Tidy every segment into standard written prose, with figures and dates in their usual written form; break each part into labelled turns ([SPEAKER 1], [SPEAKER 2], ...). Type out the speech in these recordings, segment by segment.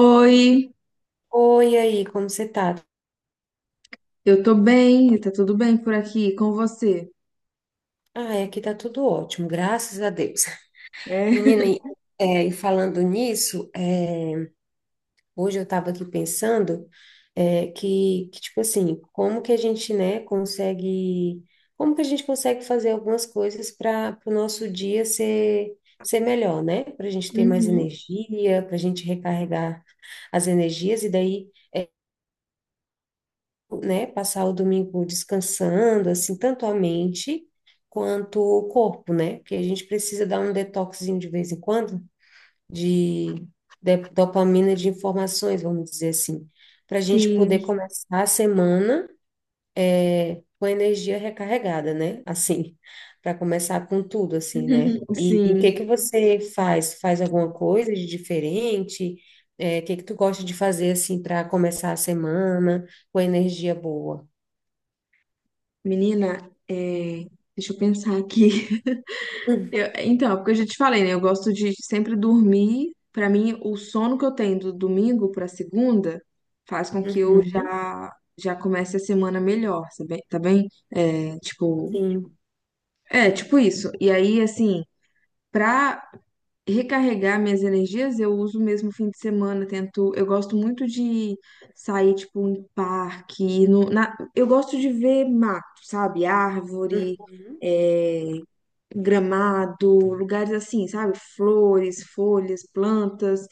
[SPEAKER 1] Oi,
[SPEAKER 2] Oi, aí, como você tá?
[SPEAKER 1] eu tô bem, tá tudo bem por aqui com você?
[SPEAKER 2] Ah, é, aqui tá tudo ótimo, graças a Deus.
[SPEAKER 1] É.
[SPEAKER 2] Menina, e é, e falando nisso, hoje eu tava aqui pensando tipo assim, como que a gente, né, consegue, como que a gente consegue fazer algumas coisas para o nosso dia ser, ser melhor, né? Para a gente ter mais
[SPEAKER 1] Uhum.
[SPEAKER 2] energia, para a gente recarregar as energias, e daí. Né, passar o domingo descansando, assim, tanto a mente quanto o corpo, né? Porque a gente precisa dar um detoxinho de vez em quando de, dopamina de informações, vamos dizer assim, para a gente poder
[SPEAKER 1] Sim,
[SPEAKER 2] começar a semana com a energia recarregada, né? Assim, para começar com tudo, assim, né? E o
[SPEAKER 1] sim.
[SPEAKER 2] que que você faz? Faz alguma coisa de diferente? É, o que que tu gosta de fazer, assim, para começar a semana com energia boa?
[SPEAKER 1] Menina, é, deixa eu pensar aqui. Então, é porque eu já te falei, né? Eu gosto de sempre dormir. Pra mim, o sono que eu tenho do domingo pra segunda faz com que eu
[SPEAKER 2] Uhum,
[SPEAKER 1] já comece a semana melhor, sabe? Tá bem?
[SPEAKER 2] sim.
[SPEAKER 1] É, tipo isso. E aí, assim, pra recarregar minhas energias, eu uso mesmo fim de semana, tento, eu gosto muito de sair, tipo, em parque, ir no, na, eu gosto de ver mato, sabe, árvore,
[SPEAKER 2] Uhum,
[SPEAKER 1] eh, gramado, lugares assim, sabe? Flores, folhas, plantas.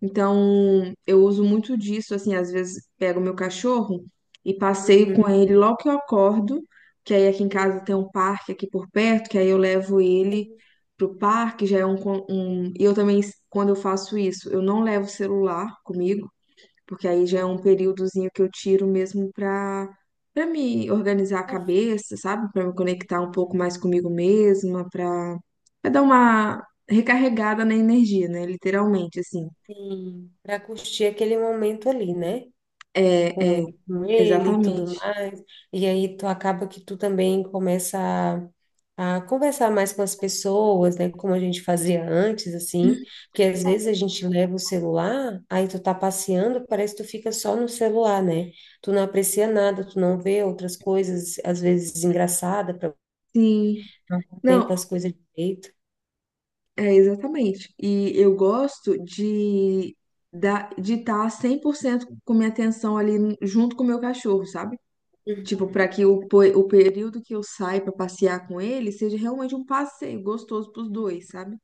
[SPEAKER 1] Então, eu uso muito disso, assim, às vezes pego meu cachorro e passeio
[SPEAKER 2] uhum,
[SPEAKER 1] com ele logo que eu acordo, que aí aqui em
[SPEAKER 2] uhum,
[SPEAKER 1] casa tem um parque aqui por perto, que aí eu levo ele
[SPEAKER 2] sim.
[SPEAKER 1] pro parque, já é um, um... E eu também, quando eu faço isso, eu não levo celular comigo, porque aí já é um
[SPEAKER 2] Ah,
[SPEAKER 1] períodozinho que eu tiro mesmo pra para me organizar a
[SPEAKER 2] assim,
[SPEAKER 1] cabeça, sabe? Pra me conectar um pouco mais
[SPEAKER 2] uhum,
[SPEAKER 1] comigo mesma, pra dar uma recarregada na energia, né? Literalmente, assim.
[SPEAKER 2] sim. Para curtir aquele momento ali, né?
[SPEAKER 1] É,
[SPEAKER 2] Com ele e tudo
[SPEAKER 1] exatamente.
[SPEAKER 2] mais. E aí tu acaba que tu também começa a conversar mais com as pessoas, né? Como a gente fazia antes, assim. Porque às vezes a gente leva o celular, aí tu tá passeando, parece que tu fica só no celular, né? Tu não aprecia nada, tu não vê outras coisas, às vezes engraçadas,
[SPEAKER 1] Sim,
[SPEAKER 2] não contempla
[SPEAKER 1] não,
[SPEAKER 2] as coisas direito.
[SPEAKER 1] é exatamente. E eu gosto de da, de estar 100% com minha atenção ali junto com o meu cachorro, sabe? Tipo, para
[SPEAKER 2] Uhum.
[SPEAKER 1] que o, o período que eu saio para passear com ele seja realmente um passeio gostoso para os dois, sabe?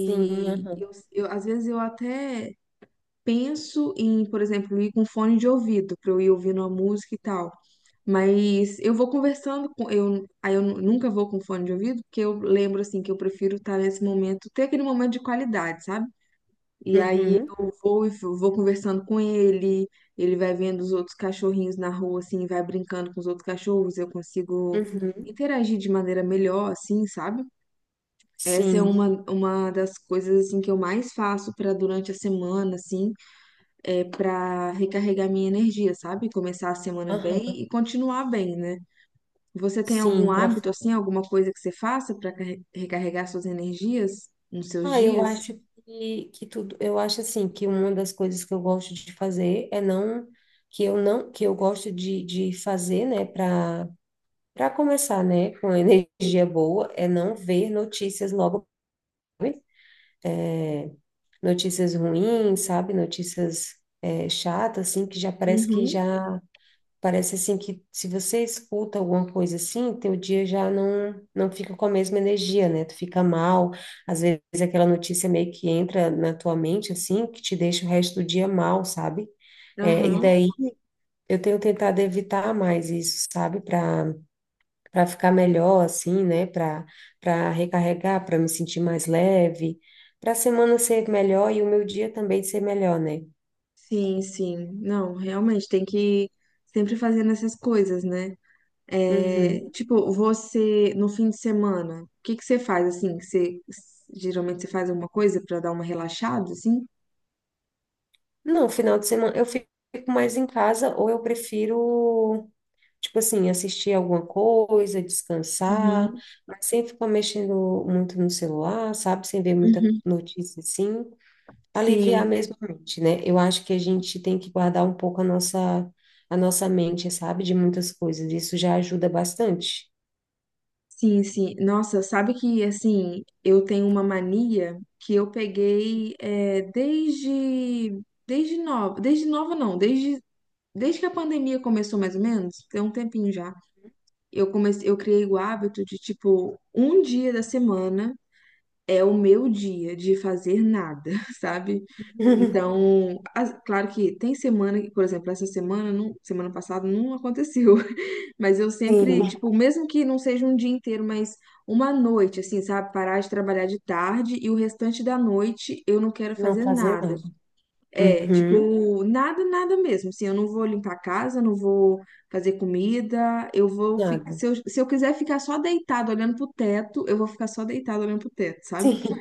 [SPEAKER 2] Sim, aham.
[SPEAKER 1] às vezes eu até penso em, por exemplo, ir com fone de ouvido, para eu ir ouvindo a música e tal. Mas eu vou conversando com eu, aí eu nunca vou com fone de ouvido, porque eu lembro assim que eu prefiro estar nesse momento, ter aquele momento de qualidade, sabe? E aí
[SPEAKER 2] Uhum.
[SPEAKER 1] eu vou e vou conversando com ele, ele vai vendo os outros cachorrinhos na rua, assim, vai brincando com os outros cachorros, eu consigo
[SPEAKER 2] Uhum.
[SPEAKER 1] interagir de maneira melhor, assim, sabe? Essa é
[SPEAKER 2] Sim,
[SPEAKER 1] uma das coisas, assim, que eu mais faço para durante a semana, assim, é para recarregar minha energia, sabe? Começar a semana
[SPEAKER 2] aham.
[SPEAKER 1] bem e continuar bem, né? Você tem algum
[SPEAKER 2] Sim, para
[SPEAKER 1] hábito, assim, alguma coisa que você faça para recarregar suas energias nos seus
[SPEAKER 2] ah, eu
[SPEAKER 1] dias?
[SPEAKER 2] acho que tudo, eu acho assim que uma das coisas que eu gosto de fazer é não que eu não que eu gosto de fazer, né, para para começar, né, com energia boa, é não ver notícias logo, sabe? Notícias ruins, sabe? Notícias é, chatas, assim, que já parece que
[SPEAKER 1] Uhum,
[SPEAKER 2] já parece assim que se você escuta alguma coisa assim, teu dia já não fica com a mesma energia, né? Tu fica mal. Às vezes aquela notícia meio que entra na tua mente assim, que te deixa o resto do dia mal, sabe? É, e
[SPEAKER 1] aham.
[SPEAKER 2] daí eu tenho tentado evitar mais isso, sabe? Para para ficar melhor assim, né? Para para recarregar, para me sentir mais leve, para a semana ser melhor e o meu dia também ser melhor, né?
[SPEAKER 1] Sim, sim. Não, realmente tem que sempre fazendo essas coisas, né?
[SPEAKER 2] Uhum.
[SPEAKER 1] É, tipo, você no fim de semana, o que que você faz assim? Você geralmente você faz alguma coisa pra dar uma relaxada, assim?
[SPEAKER 2] Não, final de semana eu fico mais em casa ou eu prefiro, tipo assim, assistir alguma coisa, descansar,
[SPEAKER 1] Uhum,
[SPEAKER 2] mas sem ficar mexendo muito no celular, sabe? Sem ver muita
[SPEAKER 1] uhum.
[SPEAKER 2] notícia assim. Aliviar
[SPEAKER 1] Sim,
[SPEAKER 2] mesmo a mente, né? Eu acho que a gente tem que guardar um pouco a nossa mente, sabe? De muitas coisas. Isso já ajuda bastante.
[SPEAKER 1] sim, sim. Nossa, sabe que assim, eu tenho uma mania que eu peguei é, desde nova não, desde que a pandemia começou mais ou menos, tem um tempinho já. Eu comecei, eu criei o hábito de, tipo, um dia da semana é o meu dia de fazer nada, sabe? Então, claro que tem semana que, por exemplo, essa semana, não, semana passada não aconteceu, mas eu sempre,
[SPEAKER 2] Sim,
[SPEAKER 1] tipo, mesmo que não seja um dia inteiro, mas uma noite, assim, sabe? Parar de trabalhar de tarde e o restante da noite eu não quero
[SPEAKER 2] não
[SPEAKER 1] fazer
[SPEAKER 2] fazer
[SPEAKER 1] nada.
[SPEAKER 2] nada.
[SPEAKER 1] É,
[SPEAKER 2] Uhum,
[SPEAKER 1] tipo, nada, nada mesmo. Assim, eu não vou limpar a casa, não vou fazer comida, eu vou ficar.
[SPEAKER 2] nada.
[SPEAKER 1] Se eu quiser ficar só deitado olhando pro teto, eu vou ficar só deitado olhando pro teto, sabe?
[SPEAKER 2] Sim,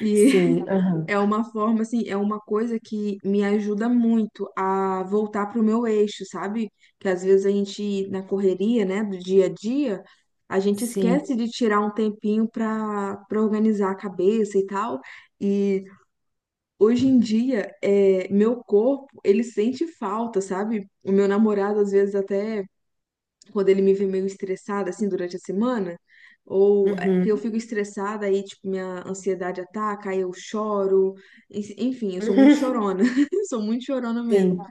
[SPEAKER 1] E
[SPEAKER 2] sim, aham,
[SPEAKER 1] é uma forma, assim, é uma coisa que me ajuda muito a voltar pro meu eixo, sabe? Que às vezes a gente, na correria, né, do dia a dia, a gente
[SPEAKER 2] sim.
[SPEAKER 1] esquece de tirar um tempinho pra organizar a cabeça e tal. e Hoje em dia, é, meu corpo, ele sente falta, sabe? O meu namorado, às vezes, até quando ele me vê meio estressada, assim, durante a semana, ou é, que eu
[SPEAKER 2] Uhum.
[SPEAKER 1] fico estressada, aí, tipo, minha ansiedade ataca, aí eu choro. Enfim, eu sou muito chorona, sou muito chorona mesmo.
[SPEAKER 2] Sim,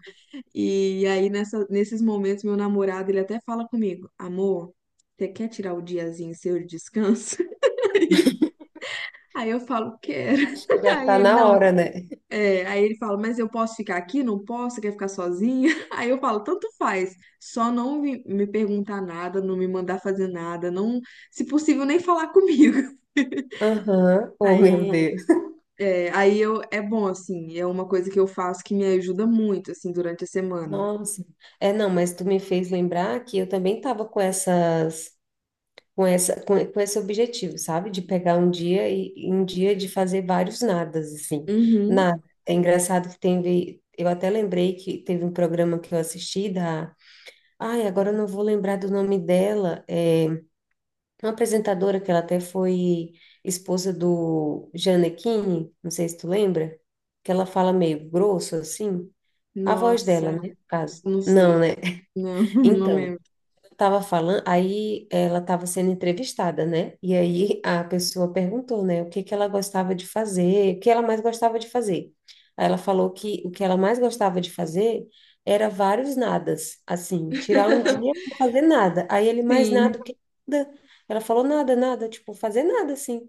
[SPEAKER 1] E aí, nesses momentos, meu namorado, ele até fala comigo, amor, você quer tirar o diazinho seu de descanso? Aí eu falo, quero.
[SPEAKER 2] acho que já
[SPEAKER 1] Aí
[SPEAKER 2] tá
[SPEAKER 1] ele,
[SPEAKER 2] na
[SPEAKER 1] não,
[SPEAKER 2] hora, né?
[SPEAKER 1] é, aí ele fala, mas eu posso ficar aqui? Não posso? Você quer ficar sozinha? Aí eu falo, tanto faz, só não me perguntar nada, não me mandar fazer nada, não, se possível, nem falar comigo.
[SPEAKER 2] Aham, oh,
[SPEAKER 1] Aí,
[SPEAKER 2] meu Deus.
[SPEAKER 1] é, aí eu, é bom, assim, é uma coisa que eu faço que me ajuda muito, assim, durante a semana.
[SPEAKER 2] Nossa. É, não, mas tu me fez lembrar que eu também tava com essas, com essa, com esse objetivo, sabe? De pegar um dia e um dia de fazer vários nadas, assim.
[SPEAKER 1] Uhum.
[SPEAKER 2] Nada. É engraçado que teve, eu até lembrei que teve um programa que eu assisti da, ai, agora eu não vou lembrar do nome dela. Uma apresentadora que ela até foi esposa do Gianecchini, não sei se tu lembra, que ela fala meio grosso assim, a voz dela,
[SPEAKER 1] Nossa,
[SPEAKER 2] né, no caso.
[SPEAKER 1] não
[SPEAKER 2] Não,
[SPEAKER 1] sei,
[SPEAKER 2] né?
[SPEAKER 1] não, não
[SPEAKER 2] Então,
[SPEAKER 1] lembro.
[SPEAKER 2] tava falando, aí ela estava sendo entrevistada, né? E aí a pessoa perguntou, né, o que que ela gostava de fazer, o que ela mais gostava de fazer. Aí ela falou que o que ela mais gostava de fazer era vários nadas, assim, tirar um dia para fazer nada. Aí ele mais
[SPEAKER 1] Sim,
[SPEAKER 2] nada o que nada. Ela falou nada, nada, tipo, fazer nada assim,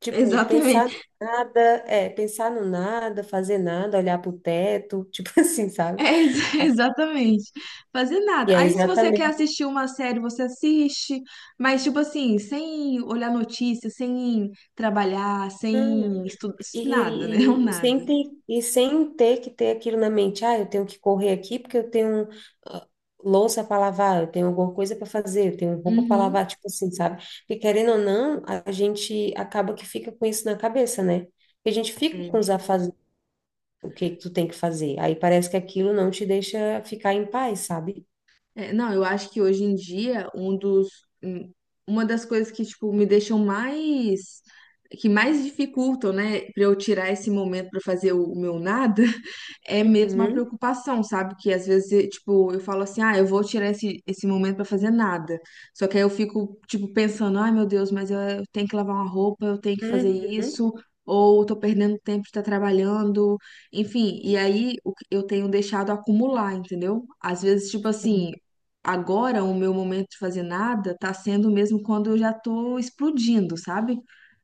[SPEAKER 2] tipo, pensar
[SPEAKER 1] exatamente.
[SPEAKER 2] nada, é, pensar no nada, fazer nada, olhar para o teto, tipo assim, sabe?
[SPEAKER 1] É, ex- exatamente. Fazer
[SPEAKER 2] E
[SPEAKER 1] nada.
[SPEAKER 2] é
[SPEAKER 1] Aí, se você quer
[SPEAKER 2] exatamente.
[SPEAKER 1] assistir uma série, você assiste, mas, tipo assim, sem olhar notícias, sem trabalhar, sem estudar, nada, né? Um
[SPEAKER 2] E
[SPEAKER 1] nada.
[SPEAKER 2] sem ter, e sem ter que ter aquilo na mente, ah, eu tenho que correr aqui porque eu tenho ah, louça para lavar, eu tenho alguma coisa para fazer, eu tenho roupa para
[SPEAKER 1] Uhum.
[SPEAKER 2] lavar, tipo assim, sabe? Porque querendo ou não, a gente acaba que fica com isso na cabeça, né? Porque a gente fica com os afazeres, o que que tu tem que fazer. Aí parece que aquilo não te deixa ficar em paz, sabe?
[SPEAKER 1] É, não, eu acho que hoje em dia um dos um- uma das coisas que tipo me deixam mais que mais dificultam, né, para eu tirar esse momento para fazer o meu nada, é mesmo a
[SPEAKER 2] Uhum,
[SPEAKER 1] preocupação, sabe? Que às vezes, tipo, eu falo assim, ah, eu vou tirar esse momento para fazer nada. Só que aí eu fico, tipo, pensando, ai meu Deus, mas eu tenho que lavar uma roupa, eu tenho que fazer
[SPEAKER 2] uhum,
[SPEAKER 1] isso, ou eu tô perdendo tempo de estar trabalhando, enfim. E aí o que eu tenho deixado acumular, entendeu? Às vezes, tipo assim agora o meu momento de fazer nada tá sendo mesmo quando eu já tô explodindo, sabe?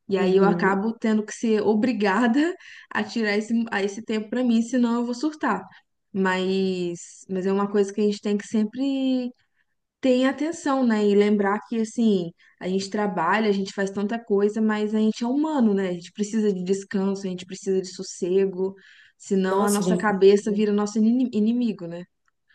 [SPEAKER 1] E aí eu
[SPEAKER 2] uhum.
[SPEAKER 1] acabo tendo que ser obrigada a tirar a esse tempo pra mim, senão eu vou surtar. Mas é uma coisa que a gente tem que sempre ter em atenção, né? E lembrar que, assim, a gente trabalha, a gente faz tanta coisa, mas a gente é humano, né? A gente precisa de descanso, a gente precisa de sossego, senão a
[SPEAKER 2] Nossa,
[SPEAKER 1] nossa
[SPEAKER 2] gente.
[SPEAKER 1] cabeça vira nosso inimigo, né?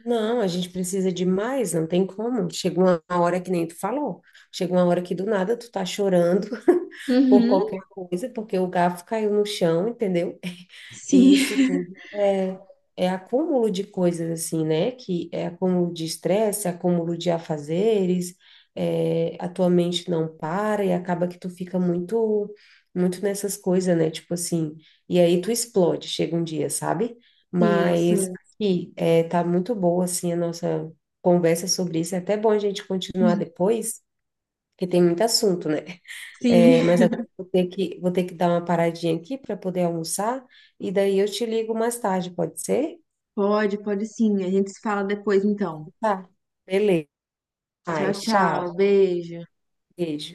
[SPEAKER 2] Não, a gente precisa de mais, não tem como. Chegou uma hora que nem tu falou, chegou uma hora que do nada tu tá chorando por
[SPEAKER 1] Uhum.
[SPEAKER 2] qualquer coisa, porque o garfo caiu no chão, entendeu? E isso
[SPEAKER 1] Sim,
[SPEAKER 2] tudo é, é acúmulo de coisas assim, né? Que é acúmulo de estresse, acúmulo de afazeres, é, a tua mente não para e acaba que tu fica muito, muito nessas coisas, né? Tipo assim, e aí tu explode, chega um dia, sabe?
[SPEAKER 1] sim,
[SPEAKER 2] Mas.
[SPEAKER 1] sim.
[SPEAKER 2] E é, tá muito boa, assim, a nossa conversa sobre isso. É até bom a gente continuar depois, porque tem muito assunto, né? É, mas
[SPEAKER 1] Sim,
[SPEAKER 2] agora eu vou ter que dar uma paradinha aqui para poder almoçar, e daí eu te ligo mais tarde, pode ser?
[SPEAKER 1] pode, pode sim. A gente se fala depois, então.
[SPEAKER 2] Tá. Beleza.
[SPEAKER 1] Tchau,
[SPEAKER 2] Ai,
[SPEAKER 1] tchau.
[SPEAKER 2] tchau.
[SPEAKER 1] Beijo.
[SPEAKER 2] Beijo.